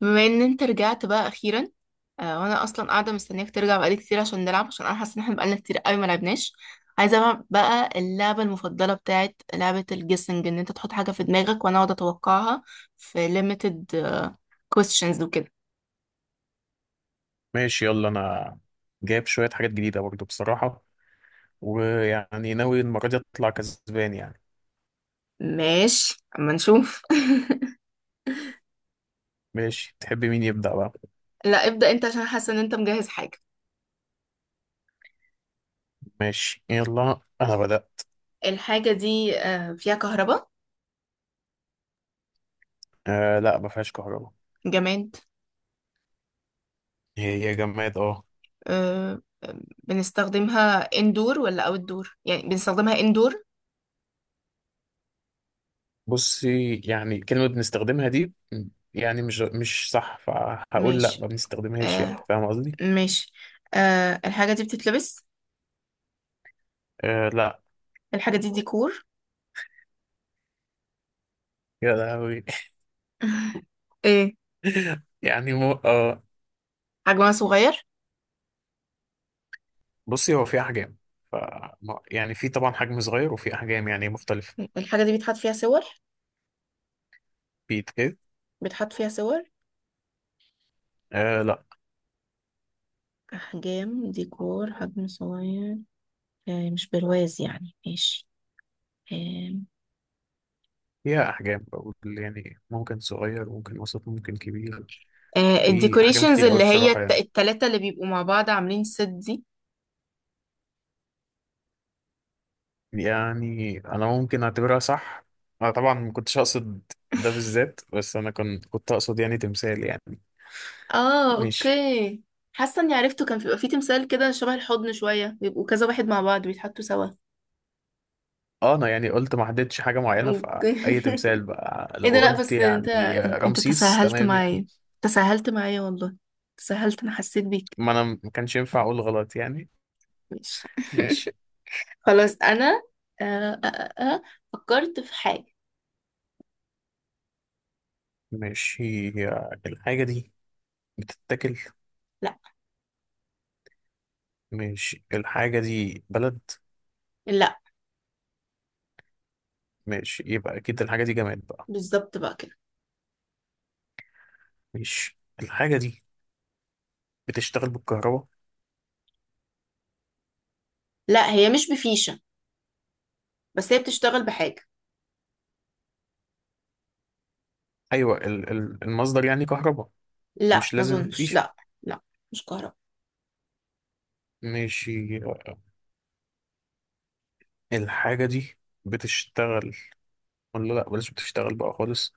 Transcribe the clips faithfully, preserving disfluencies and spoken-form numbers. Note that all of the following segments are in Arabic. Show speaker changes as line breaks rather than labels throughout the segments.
بما ان انت رجعت بقى اخيرا. آه وانا اصلا قاعده مستنياك ترجع بقالي كتير عشان نلعب، عشان انا حاسه ان احنا بقالنا كتير قوي ما لعبناش. عايزه بقى بقى اللعبه المفضله بتاعت لعبه الجيسنج، ان انت تحط حاجه في دماغك وانا اقعد اتوقعها في limited questions وكده.
ماشي، يلا انا جايب شوية حاجات جديدة برضو بصراحة، ويعني ناوي المرة دي اطلع كسبان يعني.
ماشي، اما نشوف.
ماشي، تحب مين يبدأ بقى؟
لا ابدا، انت عشان حاسه ان انت مجهز حاجه.
ماشي، يلا انا بدأت.
الحاجه دي آه فيها كهرباء؟
آه لا، ما فيهاش كهرباء.
جماد.
هي هي جماد، اه.
آه آه، بنستخدمها اندور ولا اوت دور؟ يعني بنستخدمها اندور.
بصي، يعني كلمة بنستخدمها دي يعني مش مش صح، فهقول لا ما
ماشي.
بنستخدمهاش، يعني
آه.
فاهم قصدي؟
ماشي. آه الحاجة دي بتتلبس؟
آه لا.
الحاجة دي ديكور؟
يا لهوي.
ايه؟
يعني مو آه
حجمها صغير؟
بصي، هو في احجام، ف يعني في طبعا حجم صغير وفي احجام يعني مختلفة.
الحاجة دي بيتحط فيها صور؟
في ايه؟
بيتحط فيها صور؟
آه لا.
أحجام ديكور، حجم صغير. آه مش برواز يعني؟ ماشي. آه.
فيها أحجام، بقول يعني ممكن صغير ممكن وسط ممكن كبير.
آه
في أحجام
الديكوريشنز
كتير قوي
اللي هي
بصراحة
الت-
يعني.
التلاتة اللي بيبقوا مع بعض عاملين ست دي.
يعني أنا ممكن أعتبرها صح. أنا طبعا ما كنتش أقصد ده بالذات، بس أنا كنت كنت أقصد يعني تمثال يعني.
اه،
ماشي.
اوكي. حاسة اني عرفته، كان بيبقى فيه تمثال كده شبه الحضن شوية، بيبقوا كذا واحد مع بعض بيتحطوا سوا.
أه، أنا يعني قلت ما حددتش حاجة معينة،
اوكي.
فأي تمثال بقى
ايه ده؟
لو
لا
قلت
بس انت
يعني
انت
رمسيس
تساهلت
تمام يعني.
معايا. تساهلت معايا والله. تساهلت، انا حسيت بيك.
ما أنا ما كانش ينفع أقول غلط يعني.
ماشي.
ماشي.
خلاص انا. آه آه آه آه، فكرت في حاجة.
ماشي. هي الحاجة دي بتتاكل؟
لا.
ماشي، الحاجة دي بلد؟
لا.
ماشي، يبقى اكيد الحاجه دي جماد بقى.
بالظبط بقى كده.
ماشي، الحاجه دي بتشتغل بالكهرباء؟
لا، هي مش بفيشة. بس هي بتشتغل بحاجة.
ايوه، ال- ال- المصدر يعني كهرباء.
لا
مش
ما
لازم
اظنش،
فيش؟
لا. لا. مش كهرباء.
ماشي. الحاجه دي بتشتغل ولا لا؟ بلاش بتشتغل بقى خالص.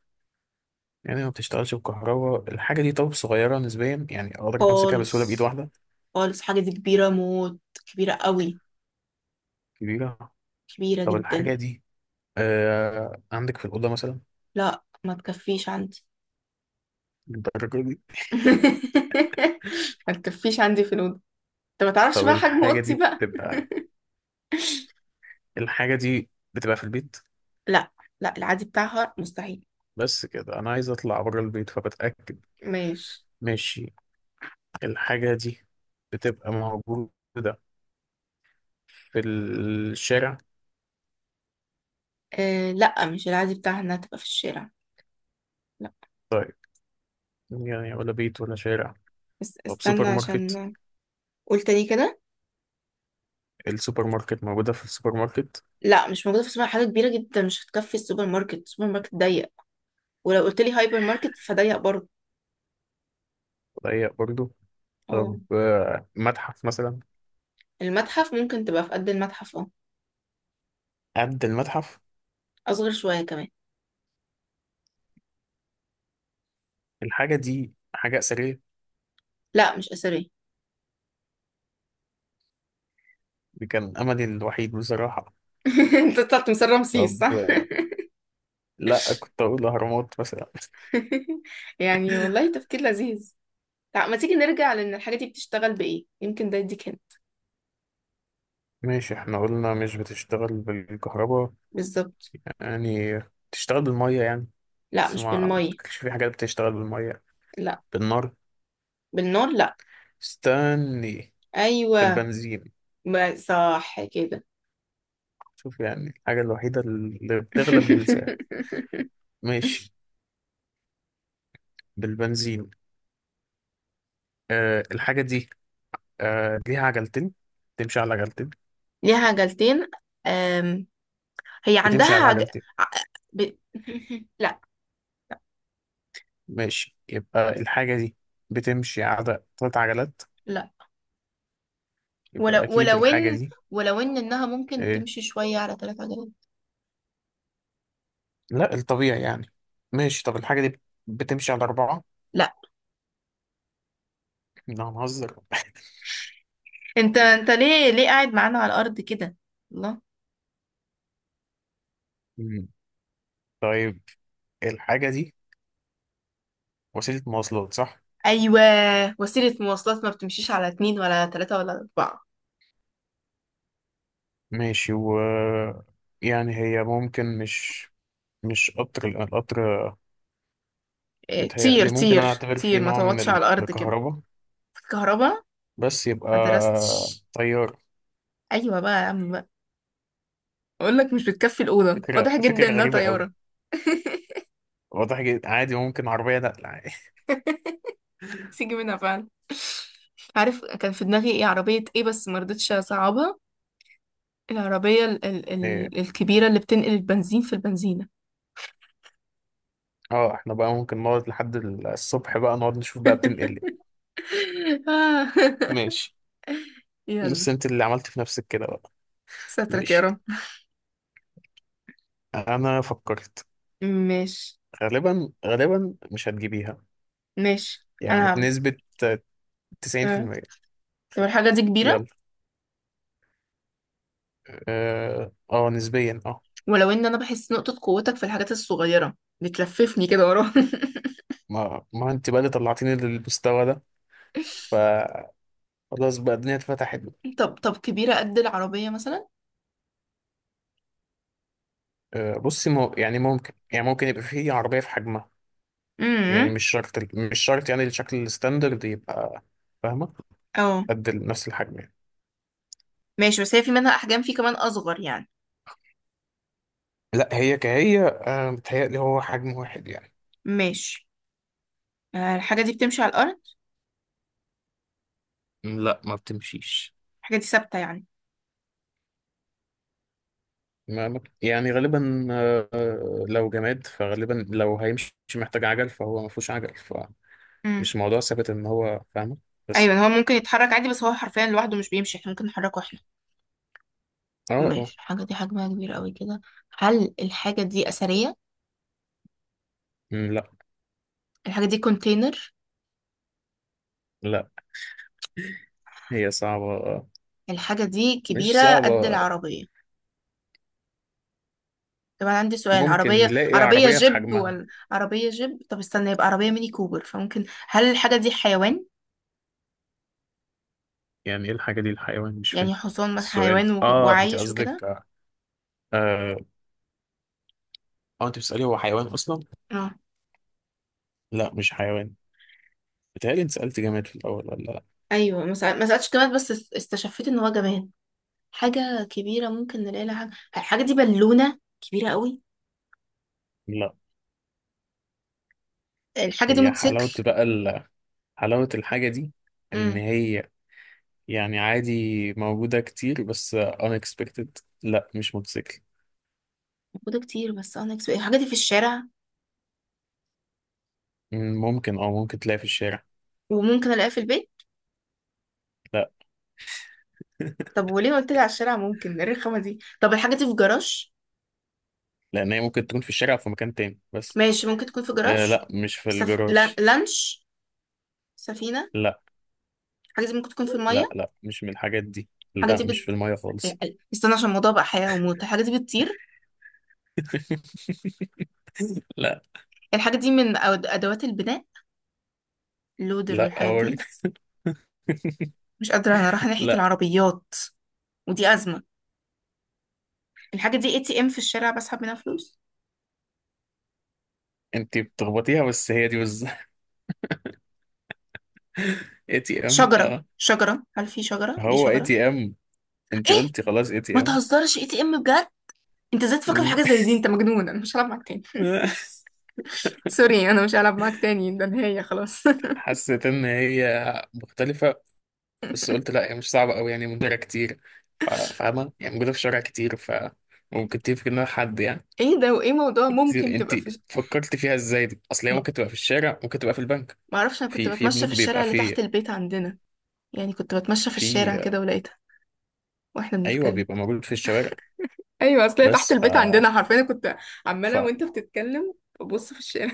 يعني ما بتشتغلش بالكهرباء الحاجه دي. طب صغيره نسبيا، يعني اقدر امسكها بسهوله بايد
خالص.
واحده؟
خالص، حاجة دي كبيرة موت. كبيرة قوي.
كبيره.
كبيرة
طب
جدا.
الحاجه دي آه عندك في الاوضه مثلا؟
لا ما تكفيش عندي.
الدرجه دي؟
ما تكفيش عندي في الأوضة. انت ما تعرفش
طب
بقى حجم
الحاجه
اوضتي
دي
بقى.
بتبقى الحاجه دي بتبقى في البيت؟
لا. لا، العادي بتاعها مستحيل.
بس كده انا عايز اطلع بره البيت، فبتاكد.
ماشي.
ماشي، الحاجة دي بتبقى موجودة في الشارع؟
آه، لا مش العادي بتاعها انها تبقى في الشارع. لا.
طيب، يعني ولا بيت ولا شارع؟
بس
طب
استنى
سوبر ماركت؟
عشان. قول تاني كده.
السوبر ماركت موجودة في السوبر ماركت؟
لا، مش موجودة في السوبر، حاجة كبيرة جدا مش هتكفي السوبر ماركت، السوبر ماركت ضيق. ولو قلت لي هايبر ماركت فضيق برضه.
ضيق برضو.
اه.
طب، آه، متحف مثلا؟
المتحف ممكن تبقى في قد المتحف، اه.
قد المتحف؟
اصغر شوية كمان.
الحاجة دي حاجة أثرية؟
لا مش أثرية.
دي كان أملي الوحيد بصراحة.
انت طلعت من سر رمسيس
طب،
صح؟
آه، لأ كنت أقول أهرامات مثلا.
يعني والله تفكير لذيذ. لا، ما تيجي نرجع لان الحاجة دي بتشتغل بإيه، يمكن ده يديك هنا.
ماشي، احنا قلنا مش بتشتغل بالكهرباء.
بالظبط.
يعني بتشتغل بالمية يعني؟
لا
بس ما
مش
ما
بالمية.
افتكرش في حاجات بتشتغل بالمية.
لا.
بالنار؟
بالنار؟ لا.
استني.
ايوه.
بالبنزين؟
ما صح كده.
شوف يعني الحاجة الوحيدة اللي بتغلب بنساها. ماشي. بالبنزين. آه الحاجة دي آه ليها عجلتين؟ بتمشي على عجلتين؟
ليها عجلتين. أم... هي
بتمشي
عندها
على
عج...
عجلتين.
ع- ب... لا.
ماشي، يبقى الحاجة دي بتمشي على ثلاث عجلات؟
لا. ولو
يبقى أكيد
ولو
الحاجة
ان
دي.
ولو ان انها ممكن
آه
تمشي شويه على ثلاث عجلات.
لا، الطبيعي يعني. ماشي، طب الحاجة دي بتمشي على أربعة؟
لا.
لا، هنهزر؟
انت انت ليه ليه قاعد معانا على الارض كده؟ الله.
مم. طيب، الحاجة دي وسيلة مواصلات صح؟
ايوه. وسيله مواصلات ما بتمشيش على اتنين ولا ثلاثه ولا اربعه.
ماشي. و يعني هي ممكن، مش مش قطر لأن القطر
إيه، طير
بيتهيألي ممكن أنا
طير
أعتبر فيه
طير، ما
نوع من
تقعدش
ال-
على الارض كده.
الكهرباء،
كهرباء.
بس يبقى
ما درستش.
طيار.
ايوه بقى يا عم. اقول لك مش بتكفي الاوضه،
فكرة
واضح جدا
فكرة
انها
غريبة أوي.
طياره.
واضح جدا عادي، ممكن عربية نقل عادي.
سيجي منها فعلا. عارف كان في دماغي ايه عربيه، ايه بس ما رضيتش اصعبها. العربيه ال ال
إيه.
ال الكبيره اللي بتنقل البنزين في البنزينه.
اه، احنا بقى ممكن نقعد لحد الصبح بقى نقعد نشوف بقى بتنقل إيه.
آه.
ماشي.
يلا.
بس انت اللي عملت في نفسك كده بقى.
سترك يا
ماشي.
رب.
انا فكرت،
ماشي.
غالبا غالبا مش هتجيبيها،
ماشي
يعني
انا هعمل.
بنسبة
آه.
تسعين في المية.
طب الحاجه دي كبيره؟
يلا. اه، آه، نسبيا، اه.
ولو ان انا بحس نقطه قوتك في الحاجات الصغيره. بتلففني كده وراه.
ما ما انت بقى اللي طلعتيني للمستوى ده، فخلاص بقى الدنيا اتفتحت.
طب طب كبيره قد العربيه مثلا؟
آه، بصي مو، يعني ممكن، يعني ممكن يبقى فيه عربية في حجمها. يعني
امم
مش شرط ال- مش شرط يعني الشكل الستاندرد يبقى، فاهمة؟
اه،
قد ال- نفس الحجم يعني.
ماشي بس هي في منها احجام، في كمان اصغر يعني.
لا هي كهي، آه، متهيألي هو حجم واحد يعني.
ماشي. آه الحاجه دي بتمشي على الارض؟
لا، ما بتمشيش.
الحاجه دي ثابته يعني؟
ما ما- يعني غالبا، آه، آه، لو جماد فغالبا لو هيمشي محتاج عجل، فهو ما فيهوش عجل، فمش
امم
موضوع ثابت ان هو، فاهمة؟ بس.
ايوه، هو ممكن يتحرك عادي، بس هو حرفيا لوحده مش بيمشي، احنا ممكن نحركه احنا.
اه، اه.
ماشي، الحاجه دي حجمها كبير قوي كده. هل الحاجه دي اثريه؟
مم، لا.
الحاجه دي كونتينر؟
لا. هي صعبة.
الحاجه دي
مش
كبيره قد
صعبة.
العربيه. طب انا عندي سؤال،
ممكن
عربيه
نلاقي
عربيه
عربية في
جيب
حجمها.
ولا عربيه جيب؟ طب استنى، يبقى عربيه ميني كوبر. فممكن، هل الحاجه دي حيوان؟
يعني ايه الحاجة دي الحيوان، مش فاهم
يعني حصان مثلا،
السؤال،
حيوان و-
اه انت
وعايش
قصدك؟
وكده.
اه اه انت بتسألي هو حيوان اصلا؟ لا، مش حيوان. بتهيألي انت سألت جماد في الاول ولا لا؟
ايوه، ما سأل- ما سالتش جماد بس است- استشفيت ان هو جماد. حاجه كبيره ممكن نلاقي لها حاجه. الحاجه دي بالونه كبيره قوي؟
لا.
الحاجه دي
هي
موتوسيكل؟
حلاوة بقى ال- حلاوة الحاجة دي ان
امم
هي يعني عادي، موجودة كتير بس unexpected. لا، مش موتوسيكل.
موجوده كتير، بس انا اكسب الحاجه دي في الشارع.
مم، ممكن، اه ممكن تلاقي في الشارع.
وممكن الاقيها في البيت.
لا.
طب وليه قلت لي على الشارع؟ ممكن إيه الرخامه دي؟ طب الحاجه دي في جراج؟
لان هي ممكن تكون في الشارع أو في مكان تاني بس.
ماشي ممكن تكون في
آه
جراج.
لا، مش في
سف... لان-
الجراج.
لانش، سفينه.
لا.
الحاجه دي ممكن تكون في
لا،
الميه؟
لا، مش من الحاجات دي.
الحاجه
لا،
دي
مش في
بت...
المية خالص.
استنى، عشان الموضوع بقى حياه وموت. الحاجه دي بتطير؟
لا.
الحاجه دي من أد- ادوات البناء، اللودر
لا
والحاجات دي.
أوري.
مش قادره، انا رايحه ناحيه
لا.
العربيات. ودي أزمة. الحاجة دي اي تي ام، في الشارع بسحب منها فلوس.
انت بتخبطيها، بس هي دي بس. اي تي ام،
شجرة،
اه.
شجرة، هل في شجرة؟ دي
هو اي
شجرة؟
تي ام؟ انت
ايه.
قلتي خلاص اي
ما
تي ام.
تهزرش، اي تي ام بجد؟ انت ازاي تفكر في حاجة زي دي؟ انت مجنون، انا مش هلعب معاك تاني. سوري، انا مش هلعب معاك تاني، ده نهاية خلاص.
حسيت ان هي مختلفة، بس قلت لا هي مش صعبة قوي يعني موجودة كتير. ف- فاهمة؟ يعني موجودة في شارع كتير، فممكن تفكر انها حد يعني.
ايه ده وايه موضوع
انت
ممكن
انت
تبقى في ش...
فكرت فيها ازاي دي؟ اصل هي
ما
ممكن تبقى في الشارع، ممكن تبقى في البنك.
ما اعرفش، انا كنت
في في
بتمشى
بنوك
في
بيبقى
الشارع اللي
في.
تحت البيت عندنا. يعني كنت بتمشى في الشارع
في.
كده ولقيتها. واحنا
ايوه،
بنتكلم.
بيبقى موجود في الشوارع.
ايوه، اصل هي تحت
بس، ف
البيت عندنا حرفيا، كنت
ف
عمالة وانت بتتكلم ببص في الشارع.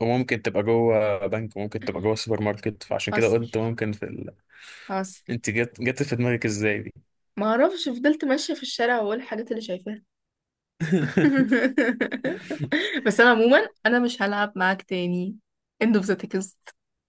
وممكن تبقى جوه بنك وممكن تبقى جوه سوبر ماركت، فعشان كده
حصل،
قلت ممكن في ال...
حصل.
انت جت جت في دماغك ازاي دي؟
ما اعرفش، فضلت ماشيه في الشارع واقول الحاجات اللي شايفاها. بس انا عموما انا مش هلعب معاك تاني. End of the text.